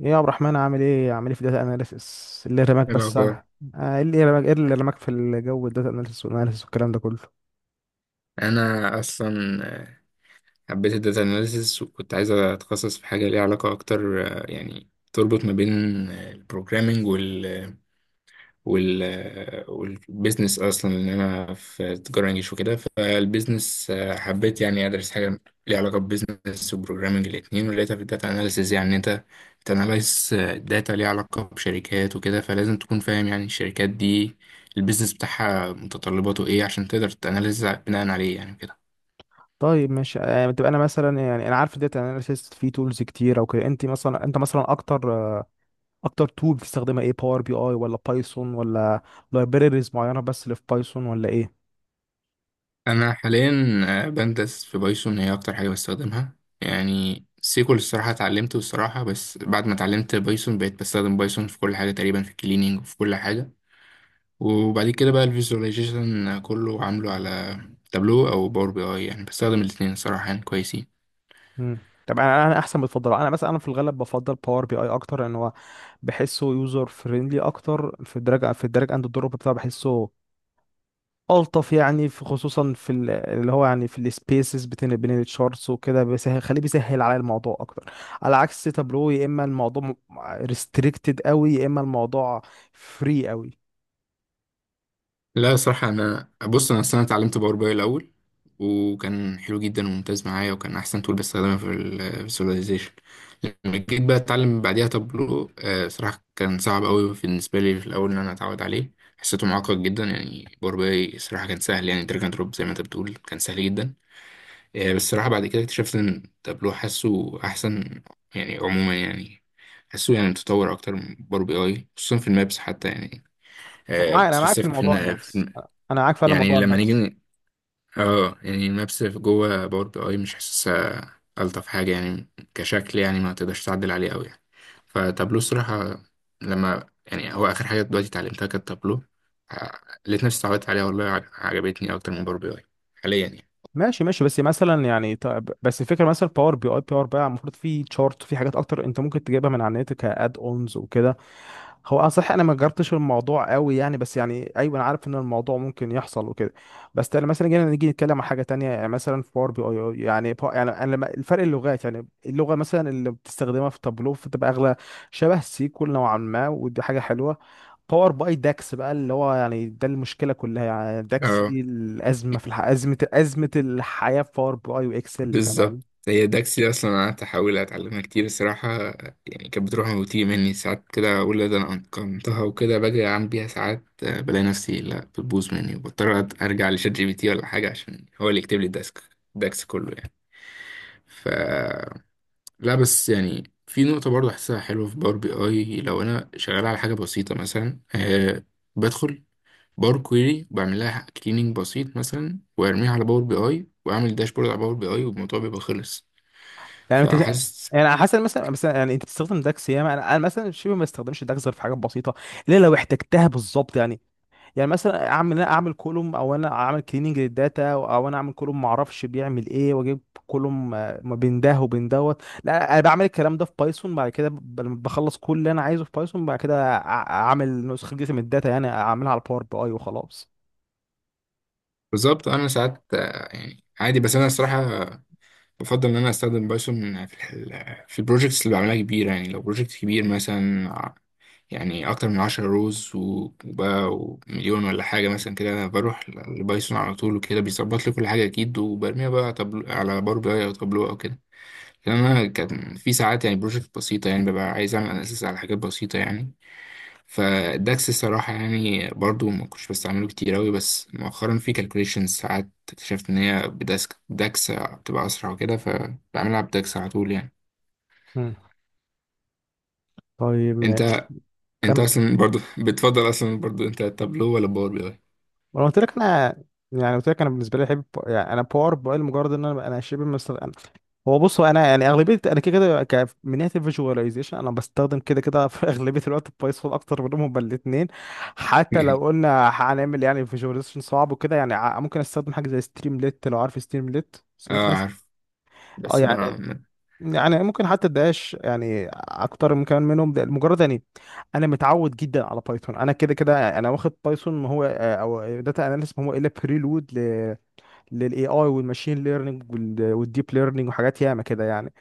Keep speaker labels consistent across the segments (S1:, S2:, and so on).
S1: ايه يا عبد الرحمن، عامل ايه في الداتا اناليسيس؟ اللي رماك
S2: إيه
S1: بس
S2: الأخبار؟
S1: ايه اللي رماك في الجو، الداتا اناليسيس والاناليسيس والكلام ده كله.
S2: أنا أصلا حبيت الداتا أناليسيس وكنت عايز أتخصص في حاجة ليها علاقة أكتر، يعني تربط ما بين البروجرامينج وال والبيزنس أصلا، لأن أنا في تجارة إنجليش وكده. فالبيزنس حبيت يعني أدرس حاجة ليها علاقة ببيزنس وبروجرامينج الاتنين، ولقيتها في الداتا أناليسيس. يعني إن أنت بتناليز داتا ليها علاقة بشركات وكده، فلازم تكون فاهم يعني الشركات دي البيزنس بتاعها متطلباته ايه عشان تقدر تاناليز بناء عليه يعني.
S1: طيب ماشي، يعني بتبقى، انا مثلا يعني انا عارف الداتا اناليسيس في تولز كتير او كده، انت مثلا، انت مثلا اكتر تول بتستخدمها ايه؟ باور بي اي ولا بايثون ولا لايبريريز معينه بس اللي في بايثون، ولا ايه؟
S2: انا حاليا بندرس في بايثون، هي اكتر حاجه بستخدمها. يعني سيكول الصراحه اتعلمته الصراحه، بس بعد ما اتعلمت بايثون بقيت بستخدم بايثون في كل حاجه تقريبا، في الكليننج وفي كل حاجه. وبعد كده بقى الفيزواليزيشن كله عامله على تابلو او باور بي اي، يعني بستخدم الاثنين الصراحه يعني كويسين.
S1: طب انا احسن بتفضل، انا مثلا، انا في الغالب بفضل باور بي اي اكتر لان هو بحسه يوزر فريندلي اكتر في الدراج اند الدروب بتاعه. بحسه ألطف يعني، في خصوصا في اللي هو يعني في السبيسز بين التشارتس وكده بيسهل، خليه بيسهل على الموضوع أكتر، على عكس تابلو. يا إما الموضوع ريستريكتد قوي، يا إما الموضوع فري قوي.
S2: لا صراحة، أنا بص، أنا أصل أنا اتعلمت باور باي الأول، وكان حلو جدا وممتاز معايا، وكان أحسن تول بستخدمها في الفيزواليزيشن. لما جيت بقى أتعلم بعديها تابلو، صراحة كان صعب أوي بالنسبة لي في الأول إن أنا أتعود عليه. حسيته معقد جدا، يعني باور باي صراحة كان سهل، يعني دراج أند دروب زي ما أنت بتقول كان سهل جدا. بس صراحة بعد كده اكتشفت إن تابلو حاسه أحسن، يعني عموما يعني. حاسه يعني متطور أكتر من باور بي أي، خصوصا في المابس حتى يعني
S1: ومعاك، أنا معاك في
S2: سبيسيفيك
S1: موضوع
S2: في،
S1: المابس. أنا معاك فعلا
S2: يعني
S1: موضوع
S2: لما
S1: المابس.
S2: نيجي اه، يعني المابس في جوه باور بي اي مش حاسسها الطف حاجه يعني، كشكل يعني ما تقدرش تعدل عليه قوي يعني. فتابلو الصراحه، لما يعني هو اخر حاجه دلوقتي اتعلمتها كانت تابلو، آه، لقيت نفسي اتعودت عليها والله، عجبتني اكتر من باور بي اي حاليا يعني.
S1: ماشي ماشي، بس مثلا يعني، طب بس الفكره، مثلا باور بي اي، باور بقى المفروض في تشارت، في حاجات اكتر انت ممكن تجيبها من على النت، كاد اونز وكده. هو انا صحيح، انا ما جربتش الموضوع قوي يعني، بس يعني ايوه، انا عارف ان الموضوع ممكن يحصل وكده. بس تعالى مثلا، نيجي نتكلم عن حاجه تانية. يعني مثلا في باور بي اي يعني يعني انا الفرق اللغات، يعني اللغه مثلا اللي بتستخدمها في تابلو فتبقى اغلى، شبه سيكول نوعا ما، ودي حاجه حلوه. باور باي داكس بقى، اللي هو يعني ده المشكله كلها يعني، داكس
S2: اه
S1: دي الازمه ازمه الحياه في باور باي واكسل كمان.
S2: بالظبط، هي داكسي اصلا انا قعدت احاول اتعلمها كتير الصراحه، يعني كانت بتروح يعني وتيجي مني ساعات كده، اقول لا ده انا اتقنتها وكده، باجي اعمل بيها ساعات، بلاقي نفسي لا بتبوظ مني، وبضطر ارجع لشات جي بي تي ولا حاجه عشان هو اللي يكتب لي الداكس كله يعني. ف لا بس يعني في نقطه برضه احسها حلوه في باور بي اي، لو انا شغال على حاجه بسيطه مثلا، بدخل باور كويري، بعمل لها كليننج بسيط مثلا، وارميها على باور بي اي، واعمل داشبورد على باور بي اي، والموضوع بيبقى خلص.
S1: يعني انت،
S2: فحاسس
S1: يعني على حسب، مثلا يعني انت بتستخدم داكس ياما. انا مثلا شبه ما استخدمش داكس غير في حاجات بسيطه، الا لو احتجتها بالظبط يعني. يعني مثلا انا اعمل كولوم، او انا اعمل كليننج للداتا، او انا اعمل كولوم ما اعرفش بيعمل ايه واجيب كولوم ما بين ده وبين دوت. لا انا بعمل الكلام ده في بايثون، بعد كده بخلص كل اللي انا عايزه في بايثون، بعد كده اعمل نسخه جديده من الداتا، يعني اعملها على باور بي اي وخلاص.
S2: بالظبط. انا ساعات يعني عادي، بس انا الصراحه بفضل ان انا استخدم بايثون في ال في البروجكتس اللي بعملها كبيره. يعني لو بروجكت كبير مثلا يعني اكتر من 10 روز وبقى ومليون ولا حاجه مثلا كده، انا بروح لبايثون على طول، وكده بيظبط لي كل حاجه اكيد، وبرميها بقى طبل على باور بي اي او تابلو او كده. لان انا كان في ساعات يعني بروجكت بسيطه، يعني ببقى عايز اعمل اناليسيس على حاجات بسيطه يعني. فالداكس الصراحة يعني برضو ما كنتش بستعمله كتير أوي، بس مؤخرا في كالكوليشنز ساعات اكتشفت إن هي بداسك داكس بتبقى أسرع وكده، فبعملها بداكس على طول يعني.
S1: مم. طيب ماشي.
S2: أنت، أنت
S1: كمل.
S2: أصلا برضو بتفضل أصلا برضو أنت تابلو ولا باور بي
S1: ما انا قلت لك، انا يعني قلت لك، انا بالنسبه لي احب يعني، انا باور باي لمجرد ان انا شبه مستخدم. أنا هو بص، هو انا يعني اغلبيه، انا كده كده، من ناحيه الفيجواليزيشن انا بستخدم كده كده في اغلبيه الوقت بايثون اكتر منهم، بل الاثنين. حتى لو
S2: أي؟
S1: قلنا هنعمل يعني فيجواليزيشن صعب وكده يعني، ممكن استخدم حاجه زي ستريمليت. لو عارف ستريمليت، سمعت
S2: أه
S1: بس.
S2: عارف،
S1: اه
S2: بس
S1: يعني
S2: ما ما-
S1: يعني ممكن حتى الدقاش يعني اكتر من كمان منهم. ده مجرد يعني، انا متعود جدا على بايثون. انا كده كده انا واخد بايثون، ما هو او داتا اناليسيس، ما هو الا بريلود للاي اي والماشين ليرنينج والديب ليرنينج وحاجات ياما كده يعني.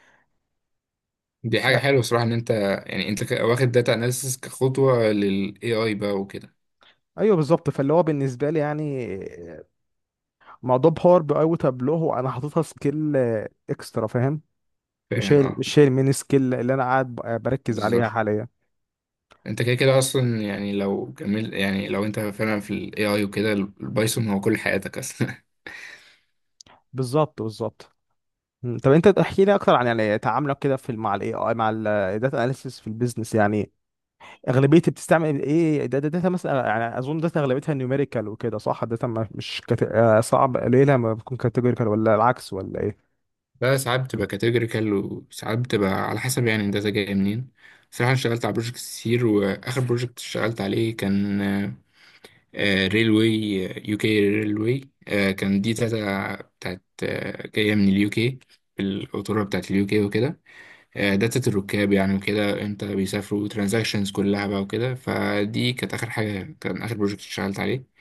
S2: دي
S1: ف
S2: حاجة حلوة صراحة إن أنت، يعني أنت واخد داتا أناليسيس كخطوة لل AI بقى وكده.
S1: ايوه بالظبط، فاللي هو بالنسبه لي يعني موضوع باور بي اي وتابلو هو انا حاططها سكيل اكسترا، فاهم. مش
S2: فاهم
S1: هي
S2: أه
S1: مش هي المين سكيل اللي انا قاعد بركز
S2: بالظبط.
S1: عليها حاليا.
S2: انت كده كده اصلا، يعني لو كمل، يعني لو انت فعلا في الاي اي وكده، البايثون هو كل حياتك اصلا
S1: بالظبط بالظبط. مم. طب انت احكي لي اكتر عن يعني تعاملك كده مع الاي اي، مع الداتا اناليسيس في البيزنس يعني. اغلبيه بتستعمل ايه؟ داتا مثلا يعني اظن داتا اغلبيتها نيوميريكال وكده، صح؟ الداتا مش كت... صعب قليله ما بتكون كاتيجوريكال، ولا العكس، ولا ايه؟
S2: بقى ساعات بتبقى كاتيجوريكال، وساعات بتبقى على حسب، يعني الداتا جايه منين. صراحة أنا اشتغلت على بروجكتس كتير، وآخر بروجكت اشتغلت عليه كان ريلوي، يو كي ريلوي. كان دي داتا بتاعت جاية من اليو كي، القطورة بتاعت اليو كي وكده. داتا الركاب يعني وكده، امتى بيسافروا، ترانزاكشنز كلها بقى وكده. فدي كانت اخر حاجه، كان اخر بروجكت اشتغلت عليه.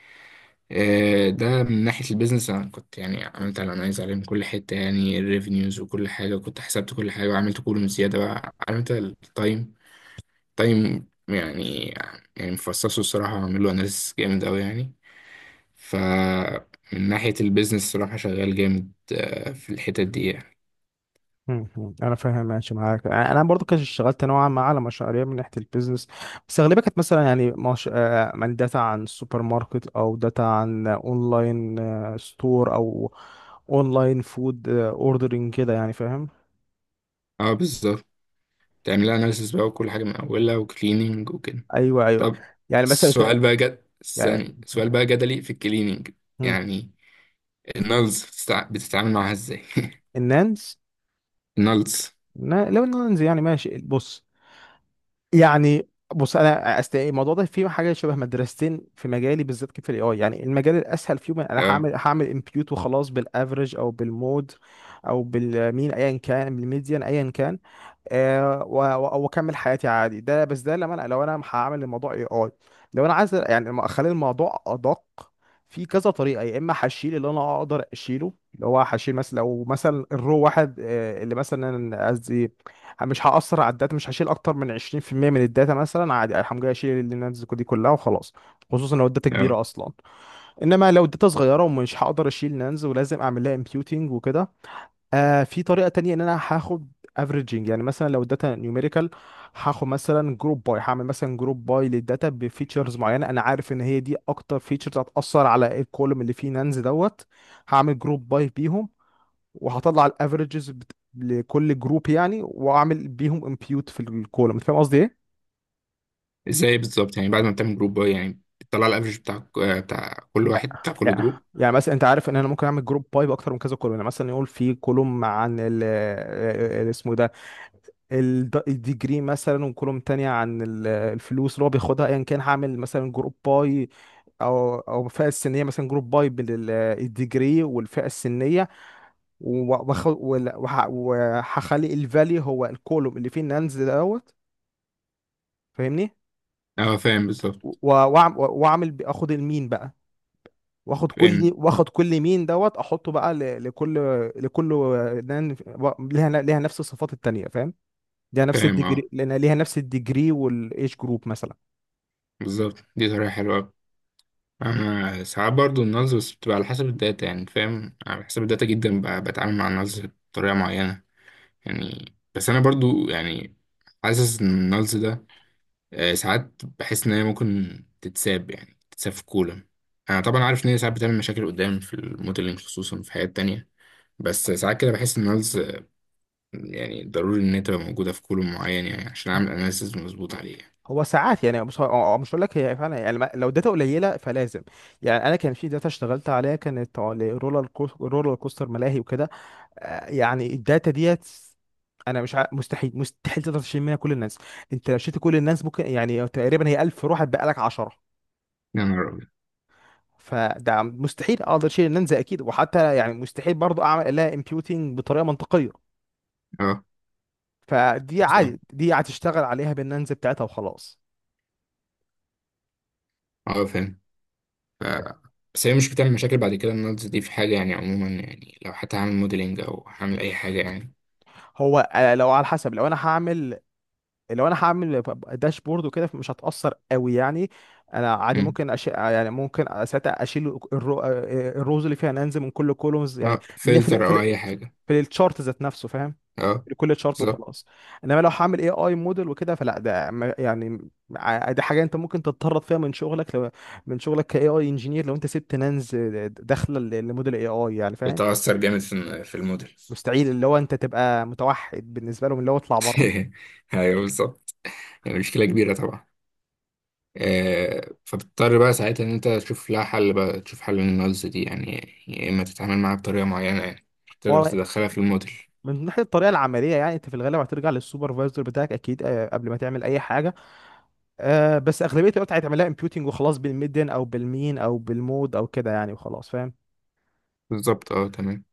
S2: ده من ناحيه البيزنس، انا كنت يعني عملت الانايز عليه من كل حته، يعني الريفينيوز وكل حاجه كنت حسبت كل حاجه، وعملت كولوم زياده بقى، عملت التايم تايم يعني مفصصه الصراحه، وعامل له اناليسيس جامد قوي يعني. ف من ناحيه البيزنس الصراحه شغال جامد في الحتت دي يعني.
S1: مم. مم. انا فاهم، ماشي معاك. يعني انا برضو كنت اشتغلت نوعا ما على مشاريع من ناحيه البيزنس، بس اغلبها كانت مثلا يعني مش... من داتا عن سوبر ماركت، او داتا عن اونلاين ستور، او اونلاين فود اوردرنج كده يعني، فاهم.
S2: اه بالظبط. تعملها اناليسيس بقى وكل حاجه من اولها وكليننج وكده.
S1: ايوه ايوه.
S2: طب
S1: يعني مثلا
S2: السؤال بقى
S1: يعني
S2: ثاني سؤال بقى جدلي في الكليننج،
S1: مم.
S2: يعني النلز بتتعامل معاها ازاي؟
S1: النانز؟
S2: النلز.
S1: لو النانز يعني ماشي، بص. يعني بص انا الموضوع ده فيه حاجه شبه مدرستين في مجالي، بالذات في الاي اي يعني. المجال الاسهل فيهم، انا
S2: اه
S1: هعمل امبيوت وخلاص، بالافرج او بالمود او بالمين، ايا كان، بالميديان ايا كان، واكمل حياتي عادي. ده بس ده لما انا لو انا هعمل الموضوع اي اي، لو انا عايز يعني ما اخلي الموضوع ادق، في كذا طريقه. يا اما هشيل، اللي انا اقدر اشيله، اللي هو هشيل مثلا، لو مثلا الرو واحد، اللي مثلا قصدي مش هاثر على الداتا، مش هشيل اكتر من 20% من الداتا مثلا، عادي الحمد لله اشيل النانز دي كلها وخلاص، خصوصا لو الداتا
S2: اه
S1: كبيره اصلا. انما لو الداتا صغيره، ومش هقدر اشيل نانز، ولازم اعمل لها امبيوتنج وكده، في طريقة تانية ان انا هاخد افريجنج. يعني مثلا لو الداتا نيوميريكال، هاخد مثلا جروب باي، هعمل مثلا جروب باي للداتا بفيتشرز معينة انا عارف ان هي دي اكتر فيتشرز هتأثر على الكولوم اللي فيه نانز دوت. هعمل جروب باي بيهم، وهطلع الافريجز لكل جروب يعني، واعمل بيهم امبيوت في الكولوم. انت فاهم قصدي ايه؟
S2: ازاي بالظبط، يعني بعد ما بتعمل جروب بقى يعني بتطلع الافرج بتاع بتاع كل
S1: يا-
S2: واحد بتاع كل
S1: يا-
S2: جروب؟
S1: يعني مثلا انت عارف ان انا ممكن اعمل جروب باي باكتر من كذا كولوم، يعني مثلا يقول في كولوم عن الديجري مثلا، وكولوم تانية عن الفلوس اللي هو بياخدها ايا كان، هعمل مثلا جروب باي، او فئه السنيه، مثلا جروب باي بالديجري والفئه السنيه، وهخلي الفالي هو الكولوم اللي فيه النانز دوت، فاهمني.
S2: اه فاهم
S1: و-
S2: بالظبط.
S1: اخد المين بقى، واخد
S2: فاهم
S1: كل واخد كل مين دوت احطه بقى لكل نان ليها نفس الصفات التانية، فاهم، ليها نفس
S2: فاهم اه
S1: الديجري، لأن ليها نفس الديجري والايج جروب مثلا.
S2: بالظبط، دي طريقة حلوة أوي. انا ساعات برضو النلز، بس بتبقى على حسب الداتا يعني، فاهم على حسب الداتا جدا بتعامل مع النلز بطريقة معينة يعني. بس انا برضو يعني حاسس ان النلز ده ساعات بحس ان هي ممكن تتساب، يعني تتساب في كولا. انا طبعا عارف ان هي ساعات بتعمل مشاكل قدام في الموديلنج، خصوصا في حاجات تانية، بس ساعات كده بحس ان الناس يعني ضروري ان هي تبقى موجوده في كولوم معين، يعني عشان اعمل
S1: هو
S2: اناليسيز مظبوط عليه يعني.
S1: هو ساعات يعني، مش هقول لك، هي فعلا يعني، لو داتا قليله فلازم. يعني انا كان في داتا اشتغلت عليها، كانت رولر كوستر ملاهي وكده. يعني الداتا ديت انا مش ع... مستحيل، مستحيل تقدر تشيل منها كل الناس. انت لو شلت كل الناس، ممكن يعني تقريبا هي 1000 روح هتبقى لك 10.
S2: يا نهار ابيض.
S1: فده مستحيل اقدر اشيل الناس اكيد، وحتى يعني مستحيل برضو اعمل لها امبيوتنج بطريقه منطقيه.
S2: اه
S1: فدي
S2: بس اه،
S1: عادي، دي هتشتغل عليها بالننز بتاعتها وخلاص.
S2: اه فاهم. ف... بس هي مش بتعمل مشاكل بعد كده النالز دي في حاجه يعني عموما، يعني لو حتى هعمل موديلنج او هعمل اي حاجه يعني؟
S1: هو لو على حسب، لو انا هعمل داشبورد وكده مش هتأثر قوي يعني. انا عادي
S2: مم.
S1: ممكن يعني ممكن ساعتها اشيل الروز اللي فيها ننزل من كل كولومز يعني،
S2: اه،
S1: من في
S2: فلتر
S1: ال... في
S2: او
S1: ال...
S2: اي حاجه.
S1: في الشارت ذات نفسه، فاهم،
S2: اه
S1: لكل شارت
S2: بالظبط.
S1: وخلاص. انما لو هعمل اي اي موديل وكده فلا، ده يعني دي حاجه انت ممكن تتطرد فيها من شغلك من شغلك كاي اي انجينير لو انت سبت ننز داخله لموديل اي اي يعني، فاهم.
S2: بتأثر جامد في الموديل.
S1: مستحيل، اللي هو انت تبقى متوحد بالنسبه لهم، اللي هو اطلع بره.
S2: ايوه بالظبط، يعني مشكله كبيره طبعا. فبتضطر بقى ساعتها ان انت تشوف لها حل بقى، تشوف حل للنقص دي يعني، يا اما تتعامل معاها بطريقه معينه يعني مش تقدر
S1: هو
S2: تدخلها في الموديل.
S1: من ناحية الطريقة العملية يعني، انت في الغالب هترجع للسوبرفايزر بتاعك اكيد، قبل ما تعمل اي حاجة، بس اغلبية الوقت هتعملها امبيوتنج وخلاص، بالميديان او بالمين او بالمود او كده يعني، وخلاص فاهم.
S2: بالظبط اه تمام.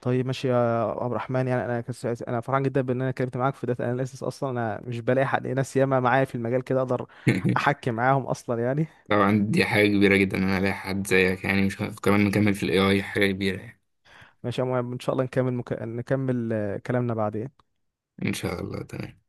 S1: طيب ماشي يا عبد الرحمن، يعني انا انا فرحان جدا بان انا اتكلمت معاك في داتا اناليسيس، اصلا انا مش بلاقي حد، ناس ياما معايا في المجال كده اقدر احكي معاهم اصلا يعني.
S2: طبعا دي حاجه كبيره جدا ان انا الاقي حد زيك، يعني مش كمان نكمل في الاي اي حاجه كبيره يعني.
S1: ماشي يا مهم، ان شاء الله نكمل، نكمل كلامنا بعدين.
S2: ان شاء الله تمام.